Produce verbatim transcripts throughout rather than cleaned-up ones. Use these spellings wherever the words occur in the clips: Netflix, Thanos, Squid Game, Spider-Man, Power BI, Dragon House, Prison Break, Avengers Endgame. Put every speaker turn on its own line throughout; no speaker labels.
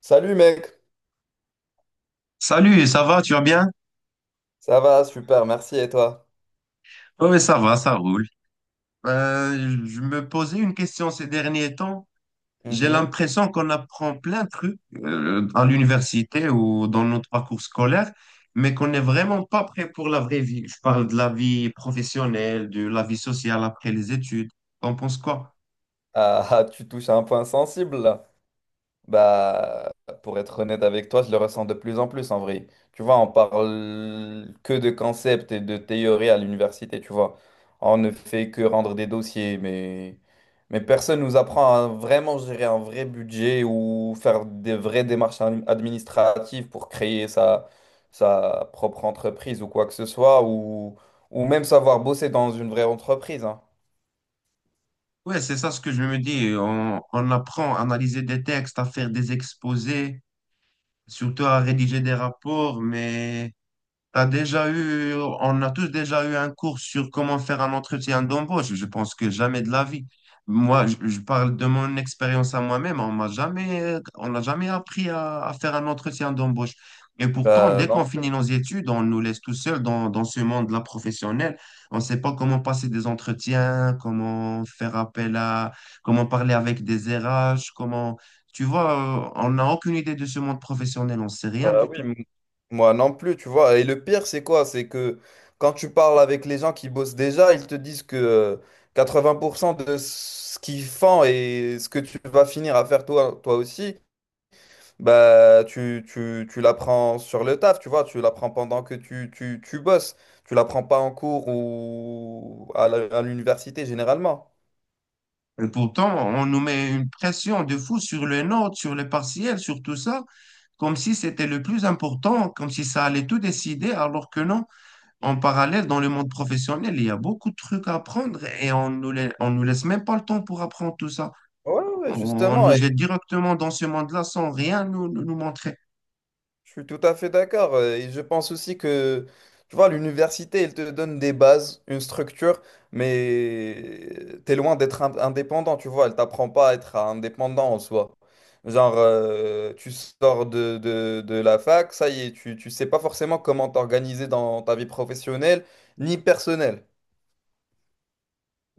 Salut mec,
Salut, ça va, tu vas bien?
ça va, super, merci et toi?
Oui, ça va, ça roule. Euh, je me posais une question ces derniers temps. J'ai
Mhm.
l'impression qu'on apprend plein de trucs euh, à l'université ou dans notre parcours scolaire, mais qu'on n'est vraiment pas prêt pour la vraie vie. Je parle de la vie professionnelle, de la vie sociale après les études. T'en penses quoi?
Ah, ah, tu touches à un point sensible là. Bah, pour être honnête avec toi, je le ressens de plus en plus en vrai. Tu vois, on parle que de concepts et de théories à l'université, tu vois. On ne fait que rendre des dossiers, mais, mais personne nous apprend à vraiment gérer un vrai budget ou faire des vraies démarches ad- administratives pour créer sa, sa propre entreprise ou quoi que ce soit, ou, ou même savoir bosser dans une vraie entreprise, hein.
Ouais, c'est ça ce que je me dis. On, on apprend à analyser des textes, à faire des exposés, surtout à rédiger des rapports, mais T'as déjà eu, on a tous déjà eu un cours sur comment faire un entretien d'embauche. Je pense que jamais de la vie. Moi, je, je parle de mon expérience à moi-même. On m'a jamais, on n'a jamais appris à, à faire un entretien d'embauche. Et pourtant,
Bah,
dès
non
qu'on
plus.
finit nos études, on nous laisse tout seuls dans, dans ce monde-là professionnel. On ne sait pas comment passer des entretiens, comment faire appel à, comment parler avec des R H, comment, tu vois, euh, on n'a aucune idée de ce monde professionnel. On ne sait rien
Bah
du
oui,
tout.
moi non plus, tu vois. Et le pire, c'est quoi? C'est que quand tu parles avec les gens qui bossent déjà, ils te disent que euh, quatre-vingts pour cent de ce qu'ils font et ce que tu vas finir à faire toi, toi aussi, bah tu, tu, tu l'apprends sur le taf, tu vois. Tu l'apprends pendant que tu, tu, tu bosses. Tu l'apprends pas en cours ou à la- à l'université généralement.
Et pourtant, on nous met une pression de fou sur les notes, sur les partiels, sur tout ça, comme si c'était le plus important, comme si ça allait tout décider, alors que non. En parallèle, dans le monde professionnel, il y a beaucoup de trucs à apprendre et on nous, lai- on nous laisse même pas le temps pour apprendre tout ça.
Ouais,
On,
ouais,
on
justement.
nous jette directement dans ce monde-là sans rien nous, nous, nous montrer.
Je suis tout à fait d'accord. euh, Et je pense aussi que, tu vois, l'université, elle te donne des bases, une structure, mais t'es loin d'être ind- indépendant, tu vois. Elle t'apprend pas à être indépendant en soi. Genre, euh, tu sors de, de, de la fac, ça y est, tu, tu sais pas forcément comment t'organiser dans ta vie professionnelle ni personnelle.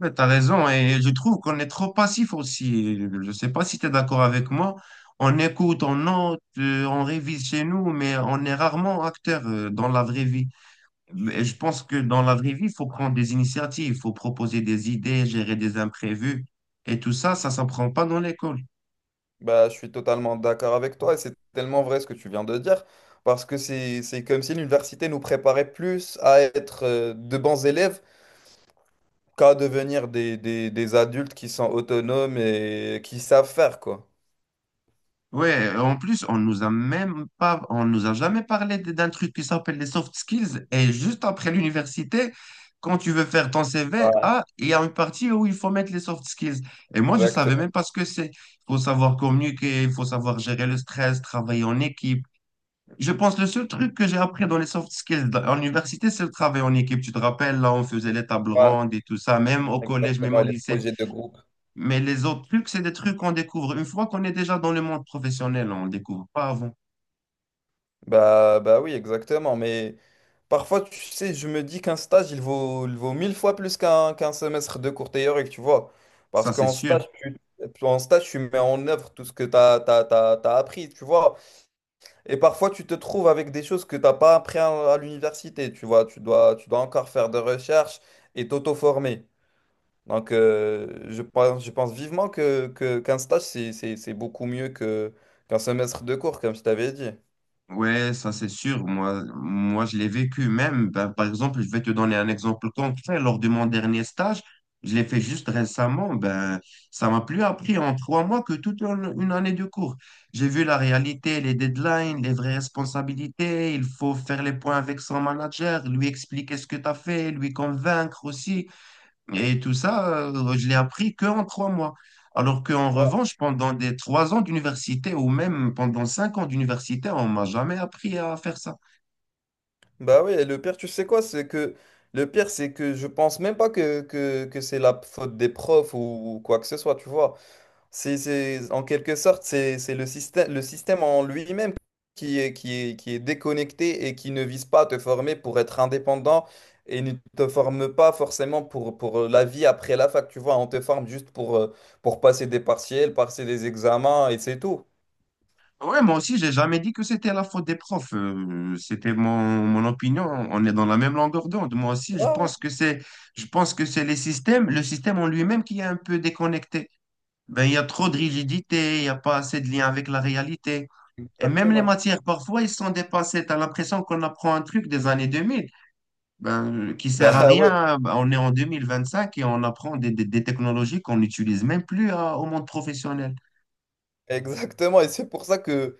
Ouais, t'as raison et je trouve qu'on est trop passif aussi. Je sais pas si tu es d'accord avec moi. On écoute, on note, euh, on révise chez nous, mais on est rarement acteur euh, dans la vraie vie. Mais je pense que dans la vraie vie, il faut prendre des initiatives, il faut proposer des idées, gérer des imprévus. Et tout ça, ça s'apprend pas dans l'école.
Bah, je suis totalement d'accord avec toi et c'est tellement vrai ce que tu viens de dire. Parce que c'est, c'est comme si l'université nous préparait plus à être euh, de bons élèves qu'à devenir des, des, des adultes qui sont autonomes et qui savent faire, quoi.
Ouais, en plus, on nous a même pas, on nous a jamais parlé d- d'un truc qui s'appelle les soft skills. Et juste après l'université, quand tu veux faire ton C V,
Voilà,
ah, il y a une partie où il faut mettre les soft skills. Et moi, je savais
exactement.
même pas ce que c'est. Il faut savoir communiquer, il faut savoir gérer le stress, travailler en équipe. Je pense que le seul truc que j'ai appris dans les soft skills de- en université, c'est le travail en équipe. Tu te rappelles, là, on faisait les tables
Voilà,
rondes et tout ça, même au collège, même
exactement,
au
et les
lycée.
projets de groupe.
Mais les autres trucs, c'est des trucs qu'on découvre une fois qu'on est déjà dans le monde professionnel. On ne découvre pas avant.
Bah, bah oui, exactement. Mais parfois, tu sais, je me dis qu'un stage, il vaut, il vaut mille fois plus qu'un qu'un semestre de cours théorique, tu vois. Parce
Ça, c'est
qu'en
sûr.
stage, tu, En stage, tu mets en œuvre tout ce que tu as, t'as, t'as, t'as- t'as appris, tu vois. Et parfois, tu te trouves avec des choses que tu n'as pas appris à, à l'université, tu vois. Tu dois, tu dois encore faire des recherches et t'auto-former. Donc, euh, je pense, je pense vivement que, que, qu'un stage, c'est, c'est, c'est beaucoup mieux que, qu'un semestre de cours, comme je t'avais dit.
Ouais, ça c'est sûr. Moi, moi, je l'ai vécu même. Ben, par exemple, je vais te donner un exemple concret. Lors de mon dernier stage, je l'ai fait juste récemment. Ben, ça m'a plus appris en trois mois que toute une une année de cours. J'ai vu la réalité, les deadlines, les vraies responsabilités. Il faut faire les points avec son manager, lui expliquer ce que tu as fait, lui convaincre aussi. Et tout ça, euh, je l'ai appris que en trois mois. Alors qu'en
Ouais.
revanche, pendant des trois ans d'université ou même pendant cinq ans d'université, on m'a jamais appris à faire ça.
Bah oui, et le pire, tu sais quoi, c'est que le pire, c'est que je pense même pas que, que, que c'est la faute des profs ou, ou quoi que ce soit, tu vois. C'est, c'est- en quelque sorte, c'est, c'est le système, le système en lui-même qui est, qui est, qui est déconnecté et qui ne vise pas à te former pour être indépendant et ne te forme pas forcément pour, pour la vie après la fac. Tu vois, on te forme juste pour, euh, pour passer des partiels, passer des examens et c'est tout.
Ouais, moi aussi, j'ai jamais dit que c'était la faute des profs. Euh, c'était mon, mon opinion. On est dans la même longueur d'onde. Moi aussi,
Ouais,
je
ouais,
pense que c'est, je pense que c'est les systèmes, le système en lui-même qui est un peu déconnecté. Ben, il y a trop de rigidité, il n'y a pas assez de lien avec la réalité. Et même les
exactement.
matières, parfois, ils sont dépassés. Tu as l'impression qu'on apprend un truc des années deux mille. Ben, qui sert à
Bah ouais,
rien. Ben, on est en deux mille vingt-cinq et on apprend des, des- des technologies qu'on n'utilise même plus à- au monde professionnel.
exactement. Et c'est pour ça que,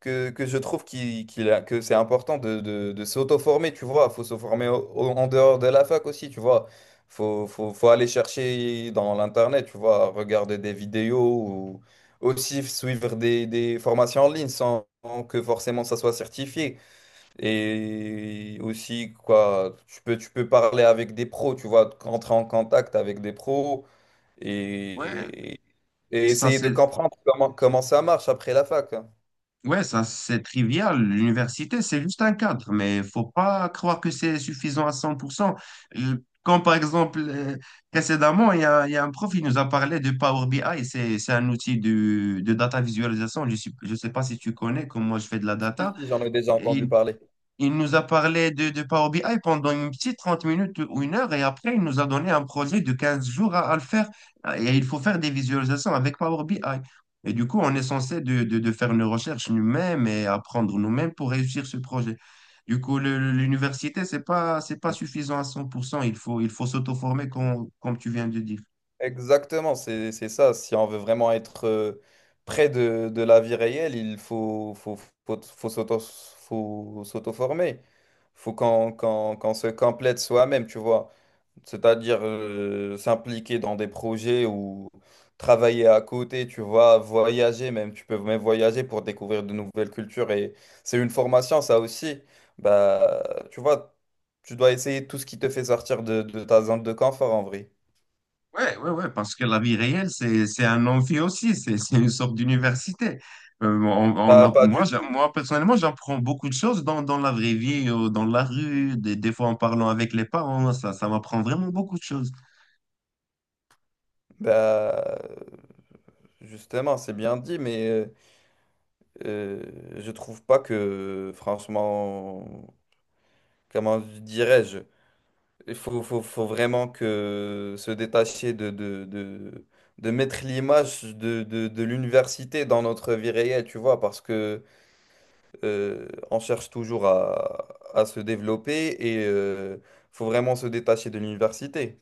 que, que je trouve qu'il, qu'il a- que c'est important de, de, de s'auto-former, tu vois. Faut se former au- au- en dehors de la fac aussi, tu vois. Faut, faut, faut aller chercher dans l'Internet, tu vois, regarder des vidéos ou aussi suivre des, des formations en ligne sans sans que forcément ça soit certifié. Et aussi, quoi, tu peux, tu peux parler avec des pros, tu vois, rentrer en contact avec des pros
Ouais,
et, et
ça
essayer de
c'est
comprendre comment, comment ça marche après la fac.
ouais, ça c'est trivial. L'université, c'est juste un cadre, mais faut pas croire que c'est suffisant à cent pour cent. Euh, Quand par exemple, euh, précédemment, il y a, il y a un prof qui nous a parlé de Power B I. C'est, c'est un outil de, de data visualisation. Je ne je sais pas si tu connais, comme moi je fais de la
Si,
data.
si, j'en ai déjà entendu
Et
parler.
il nous a parlé de, de Power B I pendant une petite trente minutes ou une heure et après, il nous a donné un projet de quinze jours à, à le faire. Et il faut faire des visualisations avec Power B I. Et du coup, on est censé de, de- de faire nos recherches nous-mêmes et apprendre nous-mêmes pour réussir ce projet. Du coup, le- le- l'université, c'est pas, c'est pas suffisant à cent pour cent. Il faut, il faut s'auto-former, com- comme tu viens de dire.
Exactement, c'est c'est ça. Si on veut vraiment être euh, près de, de la vie réelle, il faut, faut, faut, faut s'auto, faut s'auto-former. Faut qu'on qu'on, qu'on se complète soi-même, tu vois. C'est-à-dire euh, s'impliquer dans des projets ou travailler à côté, tu vois, voyager même, tu peux même voyager pour découvrir de nouvelles cultures et c'est une formation ça aussi. Bah, Tu vois, tu dois essayer tout ce qui te fait sortir de, de ta zone de confort en vrai.
Ouais, ouais, ouais, parce que la vie réelle, c'est, c'est un amphi aussi, c'est, c'est une sorte d'université. Euh, on, on
Pas,
a-
pas
moi,
du
j'a-
tout.
moi, personnellement, j'apprends beaucoup de choses dans, dans la vraie vie, euh, dans la rue, des, des fois en parlant avec les parents, ça, ça m'apprend vraiment beaucoup de choses.
Bah, Justement, c'est bien dit, mais euh, euh, je trouve pas que, franchement, comment dirais-je? Il faut, faut, faut vraiment que se détacher de, de, de, de mettre l'image de, de, de l'université dans notre vie réelle, tu vois, parce que euh, on cherche toujours à, à se développer et euh, faut vraiment se détacher de l'université.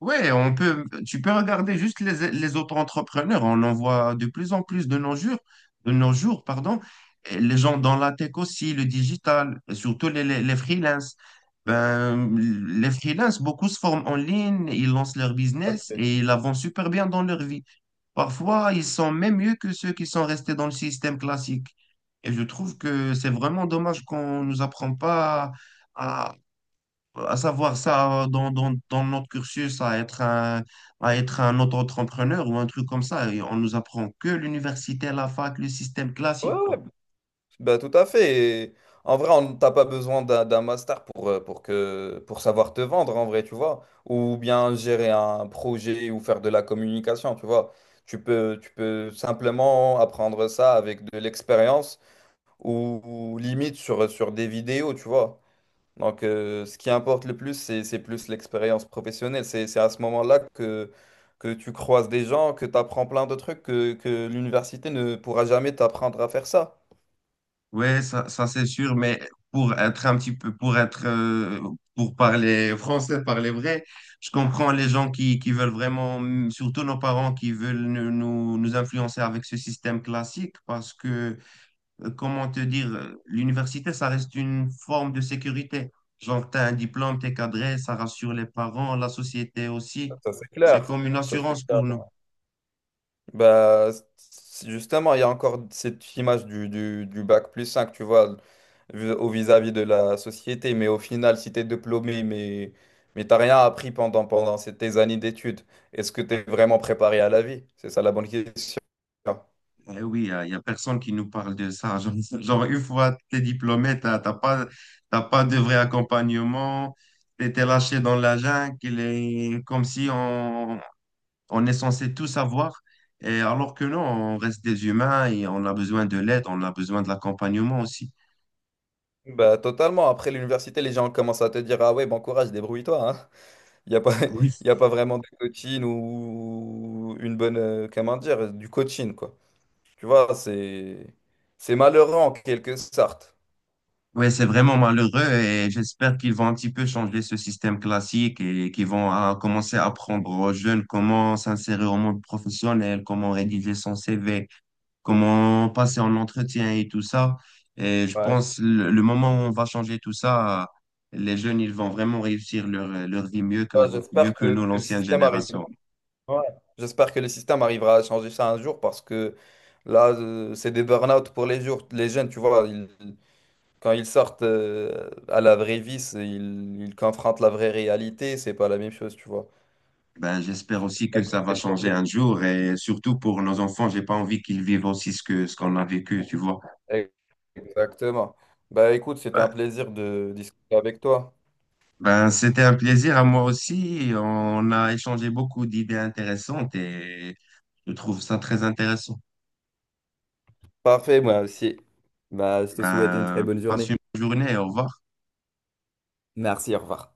Ouais, on peut, tu peux regarder juste les, les auto-entrepreneurs. On en voit de plus en plus de nos jours, de nos jours, pardon. Et les gens dans la tech aussi, le digital, et surtout les, les, les freelances. Ben, les freelances, beaucoup se forment en ligne, ils lancent leur business
Parfait.
et ils avancent super bien dans leur vie. Parfois, ils sont même mieux que ceux qui sont restés dans le système classique. Et je trouve que c'est vraiment dommage qu'on nous apprend pas à à savoir ça dans, dans, dans notre cursus, à être un, à être un auto-entrepreneur ou un truc comme ça. Et on nous apprend que l'université, la fac, le système
Ouais,
classique,
ouais,
quoi.
bah, tout à fait. Et en vrai, on t'as pas besoin d'un d'un master pour, euh, pour que, pour savoir te vendre, en vrai, tu vois. Ou bien gérer un projet ou faire de la communication, tu vois. Tu peux, tu peux simplement apprendre ça avec de l'expérience ou, ou limite sur, sur des vidéos, tu vois. Donc, euh, ce qui importe le plus, c'est, c'est plus l'expérience professionnelle. C'est, c'est à ce moment-là que, que tu croises des gens, que tu apprends plein de trucs que, que l'université ne pourra jamais t'apprendre à faire ça.
Ouais, ça, ça c'est sûr, mais pour être un petit peu, pour être, euh, pour parler français, parler vrai, je comprends les gens qui, qui veulent vraiment, surtout nos parents qui veulent nous, nous, nous influencer avec ce système classique parce que euh, comment te dire, euh, l'université, ça reste une forme de sécurité. Genre, tu as un diplôme, tu es cadré, ça rassure les parents, la société aussi.
Ça, c'est
C'est
clair.
comme une
Ça, c'est
assurance
clair.
pour nous.
Ouais. Bah, c- Justement, il y a encore cette image du, du, du bac plus cinq, tu vois, vis- au vis-à-vis de la société. Mais au final, si tu es diplômé, mais, mais t'as rien appris pendant, pendant ces- tes années d'études, est-ce que tu es vraiment préparé à la vie? C'est ça la bonne question.
Eh oui, il n'y a, y a personne qui nous parle de ça. Genre, genre, une fois que tu es diplômé, tu n'as pas, t'as pas de vrai accompagnement, tu étais lâché dans la jungle, il est comme si on, on est censé tout savoir. Et alors que non, on reste des humains et on a besoin de l'aide, on a besoin de l'accompagnement aussi.
Bah, totalement. Après l'université, les gens commencent à te dire, ah ouais, bon courage, débrouille-toi, hein. Il n'y a pas,
Oui.
il y a pas vraiment de coaching ou une bonne, euh, comment dire, du coaching, quoi. Tu vois, c'est c'est malheureux en quelque sorte.
Oui, c'est vraiment malheureux et j'espère qu'ils vont un petit peu changer ce système classique et qu'ils vont ah, commencer à apprendre aux jeunes comment s'insérer au monde professionnel, comment rédiger son C V, comment passer en entretien et tout ça. Et je
Ouais, tu
pense le, le moment où on va changer tout ça, les jeunes, ils vont vraiment réussir leur, leur vie mieux
vois,
qu'avant, mieux
j'espère
que
que,
nous,
que le
l'ancienne
système arrive.
génération.
Ouais, j'espère que le système arrivera à changer ça un jour parce que là, euh, c'est des burn-out pour les jours. Les jeunes, tu vois, ils- quand ils sortent euh, à la vraie vie, c'est- ils, ils confrontent la vraie réalité. C'est pas la même chose, tu vois.
Ben, j'espère aussi
Ça
que ça
cause
va
des
changer un
problèmes.
jour et surtout pour nos enfants, j'ai pas envie qu'ils vivent aussi ce que, ce qu'on a vécu, tu vois.
Exactement. Bah écoute, c'était
Ben,
un plaisir de discuter avec toi.
Ben, c'était un plaisir à moi aussi. On a échangé beaucoup d'idées intéressantes et je trouve ça très intéressant.
Parfait, moi aussi. Bah, je te souhaite une très
Ben,
bonne
passe
journée.
une bonne journée. Au revoir.
Merci, au revoir.